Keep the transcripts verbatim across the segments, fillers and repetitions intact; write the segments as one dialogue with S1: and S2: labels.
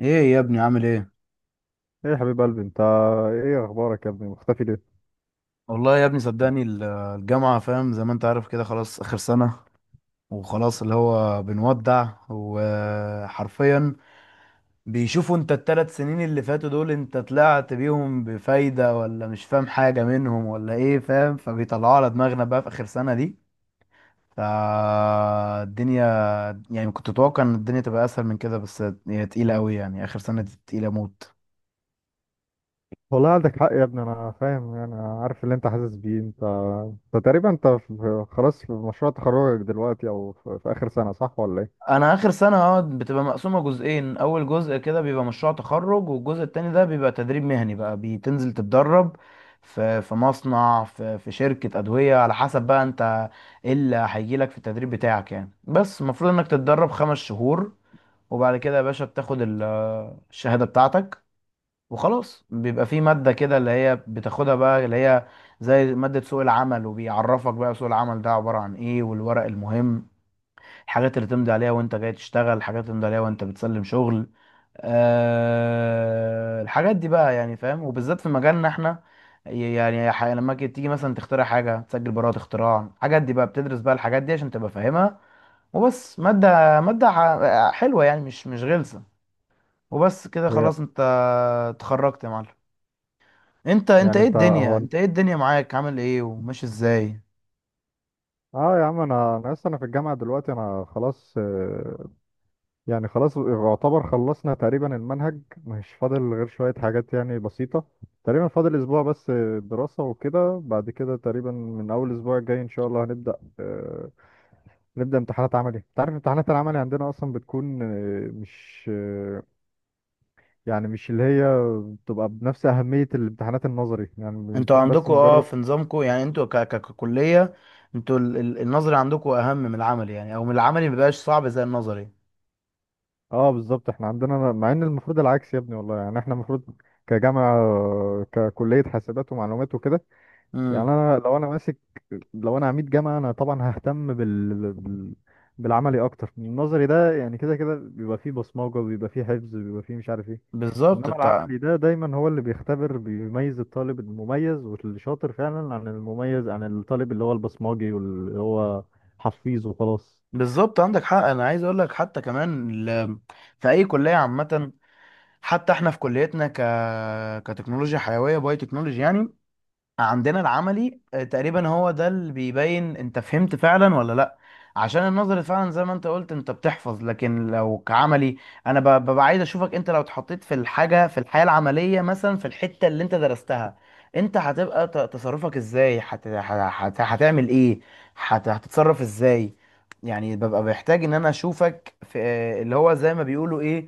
S1: ايه يا ابني، عامل ايه؟
S2: ايه يا حبيب قلبي انت، ايه اخبارك يا ابني، مختفي ليه؟
S1: والله يا ابني، صدقني، ال- الجامعة، فاهم زي ما انت عارف كده، خلاص اخر سنة. وخلاص اللي هو بنودع، وحرفيا بيشوفوا انت الثلاث سنين اللي فاتوا دول انت طلعت بيهم بفايدة، ولا مش فاهم حاجة منهم، ولا ايه؟ فاهم؟ فبيطلعوا على دماغنا بقى في اخر سنة دي. فالدنيا، يعني كنت اتوقع ان الدنيا تبقى اسهل من كده، بس هي تقيلة قوي، يعني اخر سنة دي تقيلة موت.
S2: والله عندك حق يا ابني، انا فاهم، انا عارف اللي انت حاسس بيه. انت انت تقريبا انت في... خلاص في مشروع تخرجك دلوقتي، او في... في اخر سنة، صح ولا ايه؟
S1: انا اخر سنه اه بتبقى مقسومه جزئين، اول جزء كده بيبقى مشروع تخرج، والجزء التاني ده بيبقى تدريب مهني، بقى بتنزل تتدرب في في مصنع، في في شركه ادويه، على حسب بقى انت ايه اللي هيجي لك في التدريب بتاعك يعني. بس المفروض انك تتدرب خمس شهور، وبعد كده يا باشا بتاخد ال- الشهاده بتاعتك، وخلاص بيبقى في ماده كده اللي هي بتاخدها بقى، اللي هي زي ماده سوق العمل، وبيعرفك بقى سوق العمل ده عباره عن ايه، والورق المهم، الحاجات اللي تمضي عليها وانت جاي تشتغل، الحاجات اللي تمضي عليها وانت بتسلم شغل. أه الحاجات دي بقى، يعني، فاهم؟ وبالذات في مجالنا احنا، يعني، ح- لما كي- تيجي مثلا تخترع حاجة، تسجل براءة اختراع، الحاجات دي بقى بتدرس بقى الحاجات دي عشان تبقى فاهمها. وبس مادة، مادة ح- حلوة يعني، مش مش غلسة، وبس كده
S2: هي
S1: خلاص. انت اتخرجت يا معلم؟ انت انت
S2: يعني
S1: ايه
S2: انت
S1: الدنيا؟
S2: هو انت-
S1: انت ايه الدنيا معاك؟ عامل ايه وماشي ازاي؟
S2: اه يا عم، انا انا لسه انا في الجامعة دلوقتي، انا خلاص، آه، يعني خلاص يعتبر خلصنا تقريبا المنهج، مش فاضل غير شوية حاجات يعني بسيطة، تقريبا فاضل اسبوع بس دراسة وكده، بعد كده تقريبا من اول اسبوع الجاي ان شاء الله هنبدأ، آه، نبدأ امتحانات عملي. انت عارف امتحانات العملي عندنا اصلا بتكون آه، مش آه، يعني مش اللي هي بتبقى بنفس أهمية الامتحانات النظري، يعني
S1: انتوا
S2: بيكون بس
S1: عندكوا اه
S2: مجرد.
S1: في نظامكوا، يعني انتوا ك- ك- ككلية، انتوا ال- ال- النظري عندكوا اهم من العملي، يعني او من العملي مبيبقاش صعب زي النظري.
S2: اه بالظبط، احنا عندنا مع ان المفروض العكس يا ابني والله. يعني احنا المفروض كجامعة، آه، ككلية حاسبات ومعلومات وكده، يعني
S1: امم.
S2: انا لو انا ماسك، لو انا عميد جامعة انا طبعا ههتم بال بال- بالعملي اكتر. النظري ده يعني كده كده بيبقى فيه بصمجة، بيبقى فيه حفظ، بيبقى فيه مش عارف ايه.
S1: بالظبط
S2: انما
S1: بتاع.
S2: العملي ده دايما هو اللي بيختبر، بيميز الطالب المميز واللي شاطر فعلا، عن المميز عن الطالب اللي هو البصماجي واللي هو حفيظ وخلاص.
S1: بالظبط، عندك حق، انا عايز اقول لك، حتى كمان، ال... في اي كلية عامة، حتى احنا في كليتنا، ك... كتكنولوجيا حيوية، باي تكنولوجي يعني، عندنا العملي آه، تقريبا هو ده اللي بيبين انت فهمت فعلا ولا لا، عشان النظري فعلا زي ما انت قلت انت بتحفظ، لكن لو كعملي، انا ب- ببقى عايز اشوفك انت لو اتحطيت في الحاجة، في الحياة العملية، مثلا في الحتة اللي انت درستها، انت هتبقى ت- تصرفك ازاي؟ هت... هت... هت... هتعمل ايه؟ هت... هتتصرف ازاي؟ يعني ببقى محتاج ان انا اشوفك في آه، اللي هو زي ما بيقولوا ايه،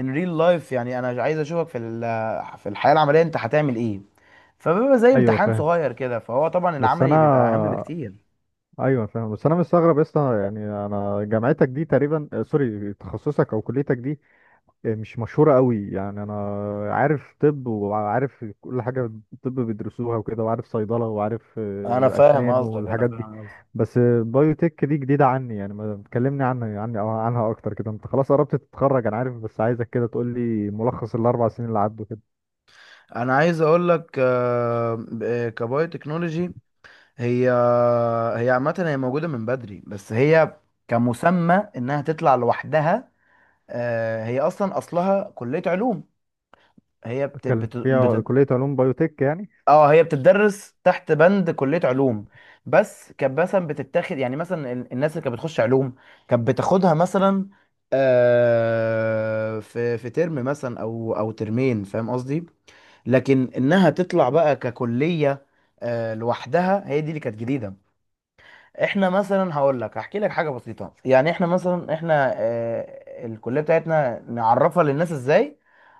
S1: ان ريل لايف، يعني انا عايز اشوفك في ال... في الحياة العملية، انت هتعمل ايه؟ فبيبقى زي
S2: ايوه
S1: امتحان
S2: فاهم
S1: صغير كده، فهو طبعا
S2: بس
S1: العملي
S2: انا
S1: بيبقى اهم بكتير.
S2: ايوه فاهم بس انا مستغرب يا اسطى، يعني انا جامعتك دي تقريبا آه، سوري، تخصصك او كليتك دي مش مشهورة قوي. يعني أنا عارف طب، وعارف كل حاجة الطب بيدرسوها وكده، وعارف صيدلة، وعارف
S1: انا
S2: آه،
S1: فاهم
S2: أسنان
S1: قصدك انا
S2: والحاجات دي،
S1: فاهم قصدك
S2: بس آه، بايوتك دي جديدة عني، يعني ما تكلمني عنها عني أو عنها أكتر كده. أنت خلاص قربت تتخرج أنا عارف، بس عايزك كده تقول لي ملخص الاربع سنين اللي عدوا كده.
S1: انا عايز اقول لك آه، ب- آه، كبايو تكنولوجي، هي هي عامه، هي موجوده من بدري، بس هي كمسمى انها تطلع لوحدها، آه، هي اصلا اصلها كليه علوم، هي بت...
S2: اتكلم
S1: بت...
S2: فيها،
S1: بت...
S2: كلية علوم بايوتك يعني.
S1: اه هي بتدرس تحت بند كلية علوم، بس كانت مثلا بتتاخد، يعني مثلا ال- الناس اللي كانت بتخش علوم كانت بتاخدها مثلا آه، في في ترم مثلا او او ترمين، فاهم قصدي، لكن انها تطلع بقى ككلية آه، لوحدها، هي دي اللي كانت جديدة. احنا مثلا هقول لك، هحكي لك حاجه بسيطه يعني، احنا مثلا احنا آه، الكليه بتاعتنا نعرفها للناس ازاي؟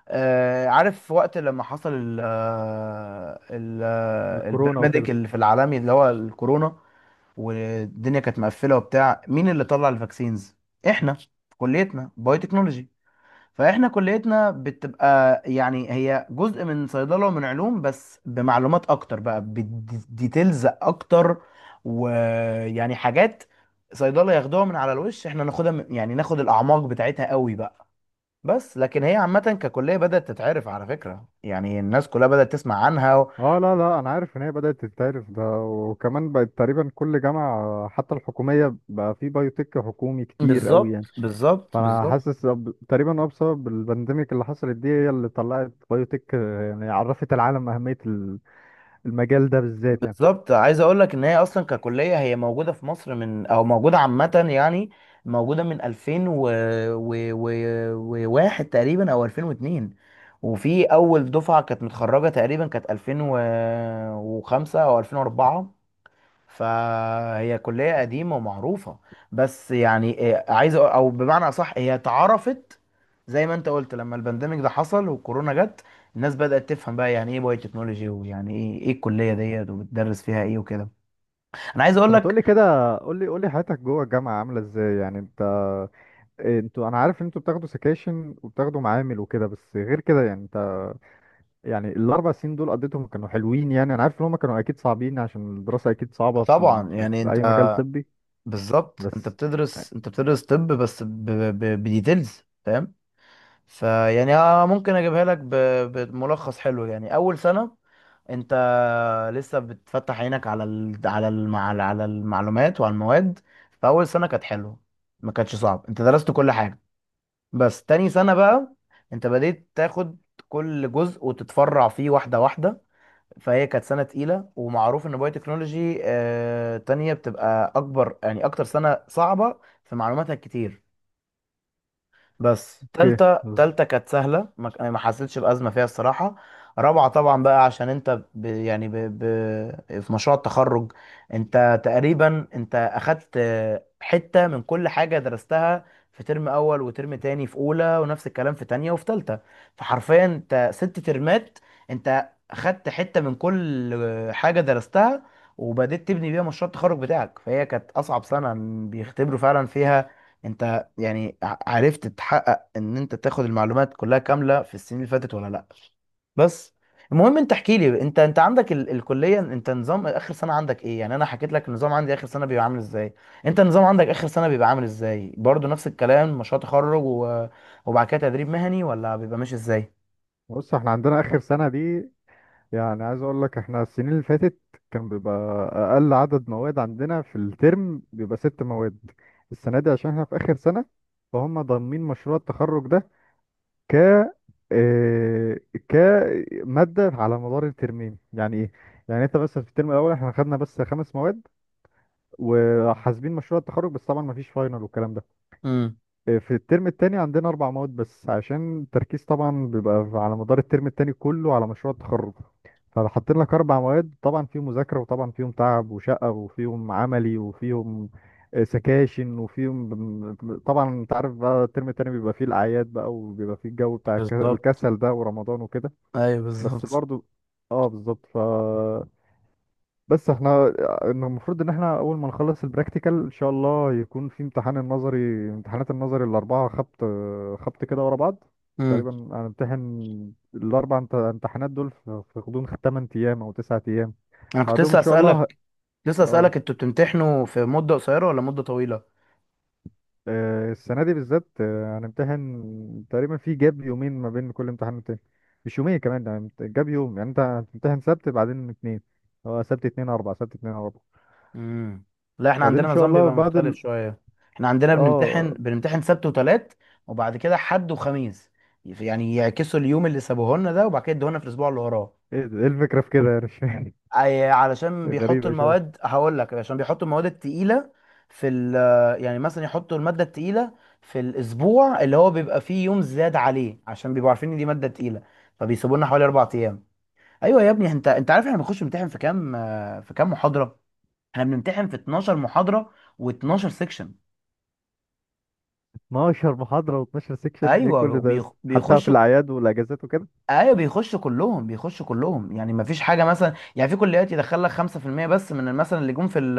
S1: آه، عارف وقت لما حصل ال آه، ال آه،
S2: الكورونا
S1: البرميديك
S2: وكده.
S1: اللي في العالمي، اللي هو الكورونا والدنيا كانت مقفله وبتاع، مين اللي طلع الفاكسينز؟ احنا، كليتنا بايو تكنولوجي، فاحنا كليتنا بتبقى، يعني هي جزء من صيدله ومن علوم، بس بمعلومات اكتر بقى، بديتيلز اكتر، ويعني حاجات صيدله ياخدوها من على الوش، احنا ناخدها من- يعني ناخد الاعماق بتاعتها قوي بقى، بس لكن هي عامه ككليه بدات تتعرف، على فكره يعني الناس كلها بدات تسمع عنها. و...
S2: اه لا لا، انا عارف ان هي بدأت تتعرف ده، وكمان بقت تقريبا كل جامعة حتى الحكومية بقى في بايوتك حكومي كتير قوي
S1: بالظبط،
S2: يعني.
S1: بالظبط،
S2: فانا
S1: بالظبط.
S2: حاسس، أب- تقريبا هو بسبب البانديميك اللي حصلت دي هي اللي طلعت بايوتك، آه، يعني عرفت العالم اهميه ال- المجال ده بالذات يعني.
S1: بالظبط، عايز اقول لك ان هي اصلا ككليه هي موجوده في مصر من، او موجوده عامه يعني، موجوده من الفين و... و... و... وواحد تقريبا، او الفين واتنين، وفي اول دفعه كانت متخرجه تقريبا كانت الفين وخمسة او الفين واربعة. فهي كلية قديمة ومعروفة، بس يعني إيه، عايز أقول- او بمعنى اصح هي اتعرفت زي ما انت قلت لما البانديميك ده حصل، والكورونا جت، الناس بدأت تفهم بقى يعني ايه بايو تكنولوجي، ويعني ايه ايه الكلية ديت وبتدرس فيها ايه وكده. انا عايز اقول
S2: طب ما
S1: لك،
S2: تقولي كده، قولي قولي حياتك جوه الجامعه عامله ازاي؟ يعني انت، إيه، انتوا، انا عارف ان انتوا بتاخدوا سكاشن وبتاخدوا معامل وكده، بس غير كده يعني انت يعني الاربع سنين دول قضيتهم كانوا حلوين؟ يعني انا عارف ان هم كانوا اكيد صعبين عشان الدراسه اكيد صعبه في, ال-
S1: طبعا
S2: في,
S1: يعني،
S2: في
S1: انت
S2: اي مجال طبي،
S1: بالظبط انت
S2: بس.
S1: بتدرس، انت بتدرس طب، بس ب- ب- بديتيلز فاهم، فيعني آه، ممكن اجيبها لك ب- بملخص حلو يعني. اول سنة انت لسه بتفتح عينك على ال... على الم... على على المعلومات وعلى المواد، فاول سنه كانت حلوه، ما كانتش صعب، انت درست كل حاجه. بس تاني سنه بقى انت بديت تاخد كل جزء وتتفرع فيه واحده واحده، فهي كانت سنه تقيله، ومعروف ان بايو تكنولوجي آه... تانية بتبقى اكبر، يعني اكتر سنه صعبه في معلوماتها كتير. بس
S2: اوكي.
S1: تالتة تالتة كانت سهلة، ما ك- ما حسيتش بأزمة فيها الصراحة. رابعة طبعا بقى عشان انت ب... يعني ب... ب... في مشروع التخرج، انت تقريبا انت اخدت حتة من كل حاجة درستها، في ترم اول وترم تاني، في اولى، ونفس الكلام في تانية وفي تالتة، فحرفيا انت ست ترمات انت اخدت حتة من كل حاجة درستها، وبدأت تبني بيها مشروع التخرج بتاعك، فهي كانت اصعب سنة، بيختبروا فعلا فيها انت، يعني ع- عرفت تحقق ان انت تاخد المعلومات كلها كامله في السنين اللي فاتت ولا لا. بس المهم انت احكي لي، انت انت عندك ال الكليه، انت نظام اخر سنه عندك ايه يعني؟ انا حكيت لك النظام عندي، اخر سنه بيبقى عامل ازاي، انت النظام عندك اخر سنه بيبقى عامل ازاي؟ برضو نفس الكلام، مشروع تخرج، و... وبعد كده تدريب مهني، ولا بيبقى ماشي ازاي؟
S2: بص، احنا عندنا اخر سنه دي، يعني عايز اقول لك احنا السنين اللي فاتت كان بيبقى اقل عدد مواد عندنا في الترم بيبقى ست مواد. السنه دي عشان احنا في اخر سنه فهم ضامنين مشروع التخرج ده ك آه، كماده على مدار الترمين، يعني ايه؟ يعني انت بس في الترم الاول احنا خدنا بس خمس مواد وحاسبين مشروع التخرج، بس طبعا مفيش فاينل والكلام ده.
S1: امم.
S2: في الترم التاني عندنا أربع مواد بس، عشان التركيز طبعا بيبقى على مدار الترم التاني كله على مشروع التخرج، فحاطين لك أربع مواد طبعا فيهم مذاكرة، وطبعا فيهم تعب وشقة، وفيهم عملي، وفيهم آه، سكاشن، وفيهم طبعا أنت عارف بقى الترم التاني بيبقى فيه الأعياد بقى، وبيبقى فيه الجو بتاع الك-
S1: بالظبط،
S2: الكسل ده ورمضان وكده.
S1: ايوه
S2: بس
S1: بالظبط.
S2: برضو، اه بالظبط، ف بس احنا، إن المفروض ان احنا اول ما نخلص البراكتيكال ان شاء الله يكون في امتحان النظري، امتحانات النظري الاربعه خبط خبط كده ورا بعض،
S1: امم.
S2: تقريبا هنمتحن الاربع امت- امتحانات دول في في غضون 8 ايام او 9 ايام،
S1: انا كنت
S2: بعدهم ان
S1: لسه
S2: شاء الله ه-
S1: اسالك لسه
S2: اه.
S1: اسالك انتوا بتمتحنوا في مده قصيره ولا مده طويله؟
S2: آه، السنه دي بالذات، آه، هنمتحن تقريبا في جاب يومين ما بين كل امتحان والتاني، مش يومين كمان يعني امت- جاب يوم، يعني انت هتمتحن سبت بعدين اتنين، هو سبت اتنين اربع، سبت اتنين اربع،
S1: امم. لا، احنا
S2: بعدين
S1: عندنا
S2: ان شاء
S1: نظام
S2: الله
S1: بيبقى
S2: بعد
S1: مختلف
S2: ال...
S1: شويه، احنا عندنا
S2: اه.
S1: بنمتحن بنمتحن سبت وتلات، وبعد كده حد وخميس، يعني يعكسوا اليوم اللي سابوه لنا ده، وبعد كده يدوه لنا في الاسبوع اللي وراه.
S2: ايه ده؟ إيه الفكرة في كده؟ يعني مش فاهم،
S1: أي، علشان بيحطوا
S2: غريبة شوية.
S1: المواد، هقول لك عشان بيحطوا المواد التقيله في ال، يعني مثلا يحطوا الماده التقيله في الاسبوع اللي هو بيبقى فيه يوم زاد عليه، عشان بيبقوا عارفين ان دي ماده تقيله، فبيسيبوا لنا حوالي اربع ايام. ايوه يا ابني، انت انت عارف احنا بنخش نمتحن في كام آه، في كام محاضره؟ احنا بنمتحن في 12 محاضرة و12 سيكشن.
S2: 12 محاضرة و12 سيكشن، ايه كل
S1: ايوه
S2: ده يا
S1: بيخ...
S2: اسطى؟ حتى في
S1: بيخشوا
S2: الأعياد والأجازات وكده.
S1: ايوه بيخشوا كلهم، بيخشوا كلهم، يعني ما فيش حاجه، مثلا يعني في كليات يدخل لك خمسة في المية بس من مثلا اللي جم في ال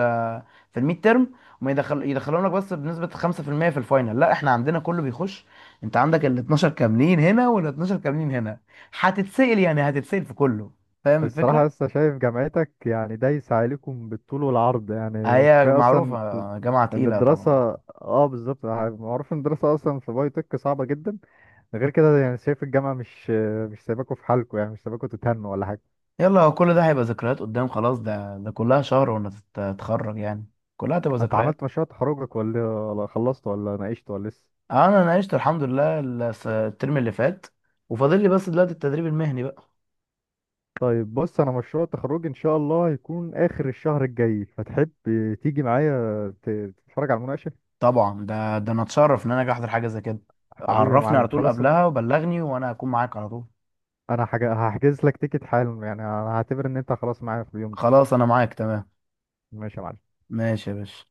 S1: في الميد تيرم، وما يدخل، يدخلهم لك بس بنسبه خمسة في المية في المية في الفاينل. لا احنا عندنا كله بيخش، انت عندك ال اتناشر كاملين هنا، وال اتناشر كاملين هنا، هتتسأل، يعني هتتسأل في كله، فاهم
S2: الصراحة
S1: الفكره؟
S2: لسه شايف جامعتك يعني دايسة عليكم بالطول والعرض، يعني
S1: هي
S2: كفاية أصلا
S1: معروفه جامعه
S2: ان
S1: تقيله
S2: الدراسة،
S1: طبعا.
S2: اه بالظبط، معروف ان الدراسة اصلا في باي تك صعبة جدا. غير كده يعني شايف الجامعة مش، مش سايباكوا في حالكوا يعني، مش سايباكوا تتهنوا ولا حاجة.
S1: يلا، هو كل ده هيبقى ذكريات قدام، خلاص، ده ده كلها شهر وانا تتخرج يعني، كلها هتبقى
S2: انت
S1: ذكريات.
S2: عملت مشروع تخرجك، ولا ولا خلصت، ولا ناقشت، ولا لسه؟
S1: آه، انا ناقشت الحمد لله الس- الترم اللي فات، وفاضل لي بس دلوقتي التدريب المهني بقى.
S2: طيب بص، انا مشروع التخرج ان شاء الله هيكون اخر الشهر الجاي، فتحب تيجي معايا ت- تتفرج على المناقشه؟
S1: طبعا، ده ده انا اتشرف ان انا اجي احضر حاجه زي كده،
S2: حبيبي يا
S1: عرفني على
S2: معلم،
S1: طول
S2: خلاص.
S1: قبلها وبلغني، وانا هكون معاك على طول.
S2: انا حاجة هحجز لك تيكت حالا، يعني انا هعتبر ان انت خلاص معايا في اليوم ده.
S1: خلاص انا معاك، تمام.
S2: ماشي يا معلم.
S1: ماشي يا باشا.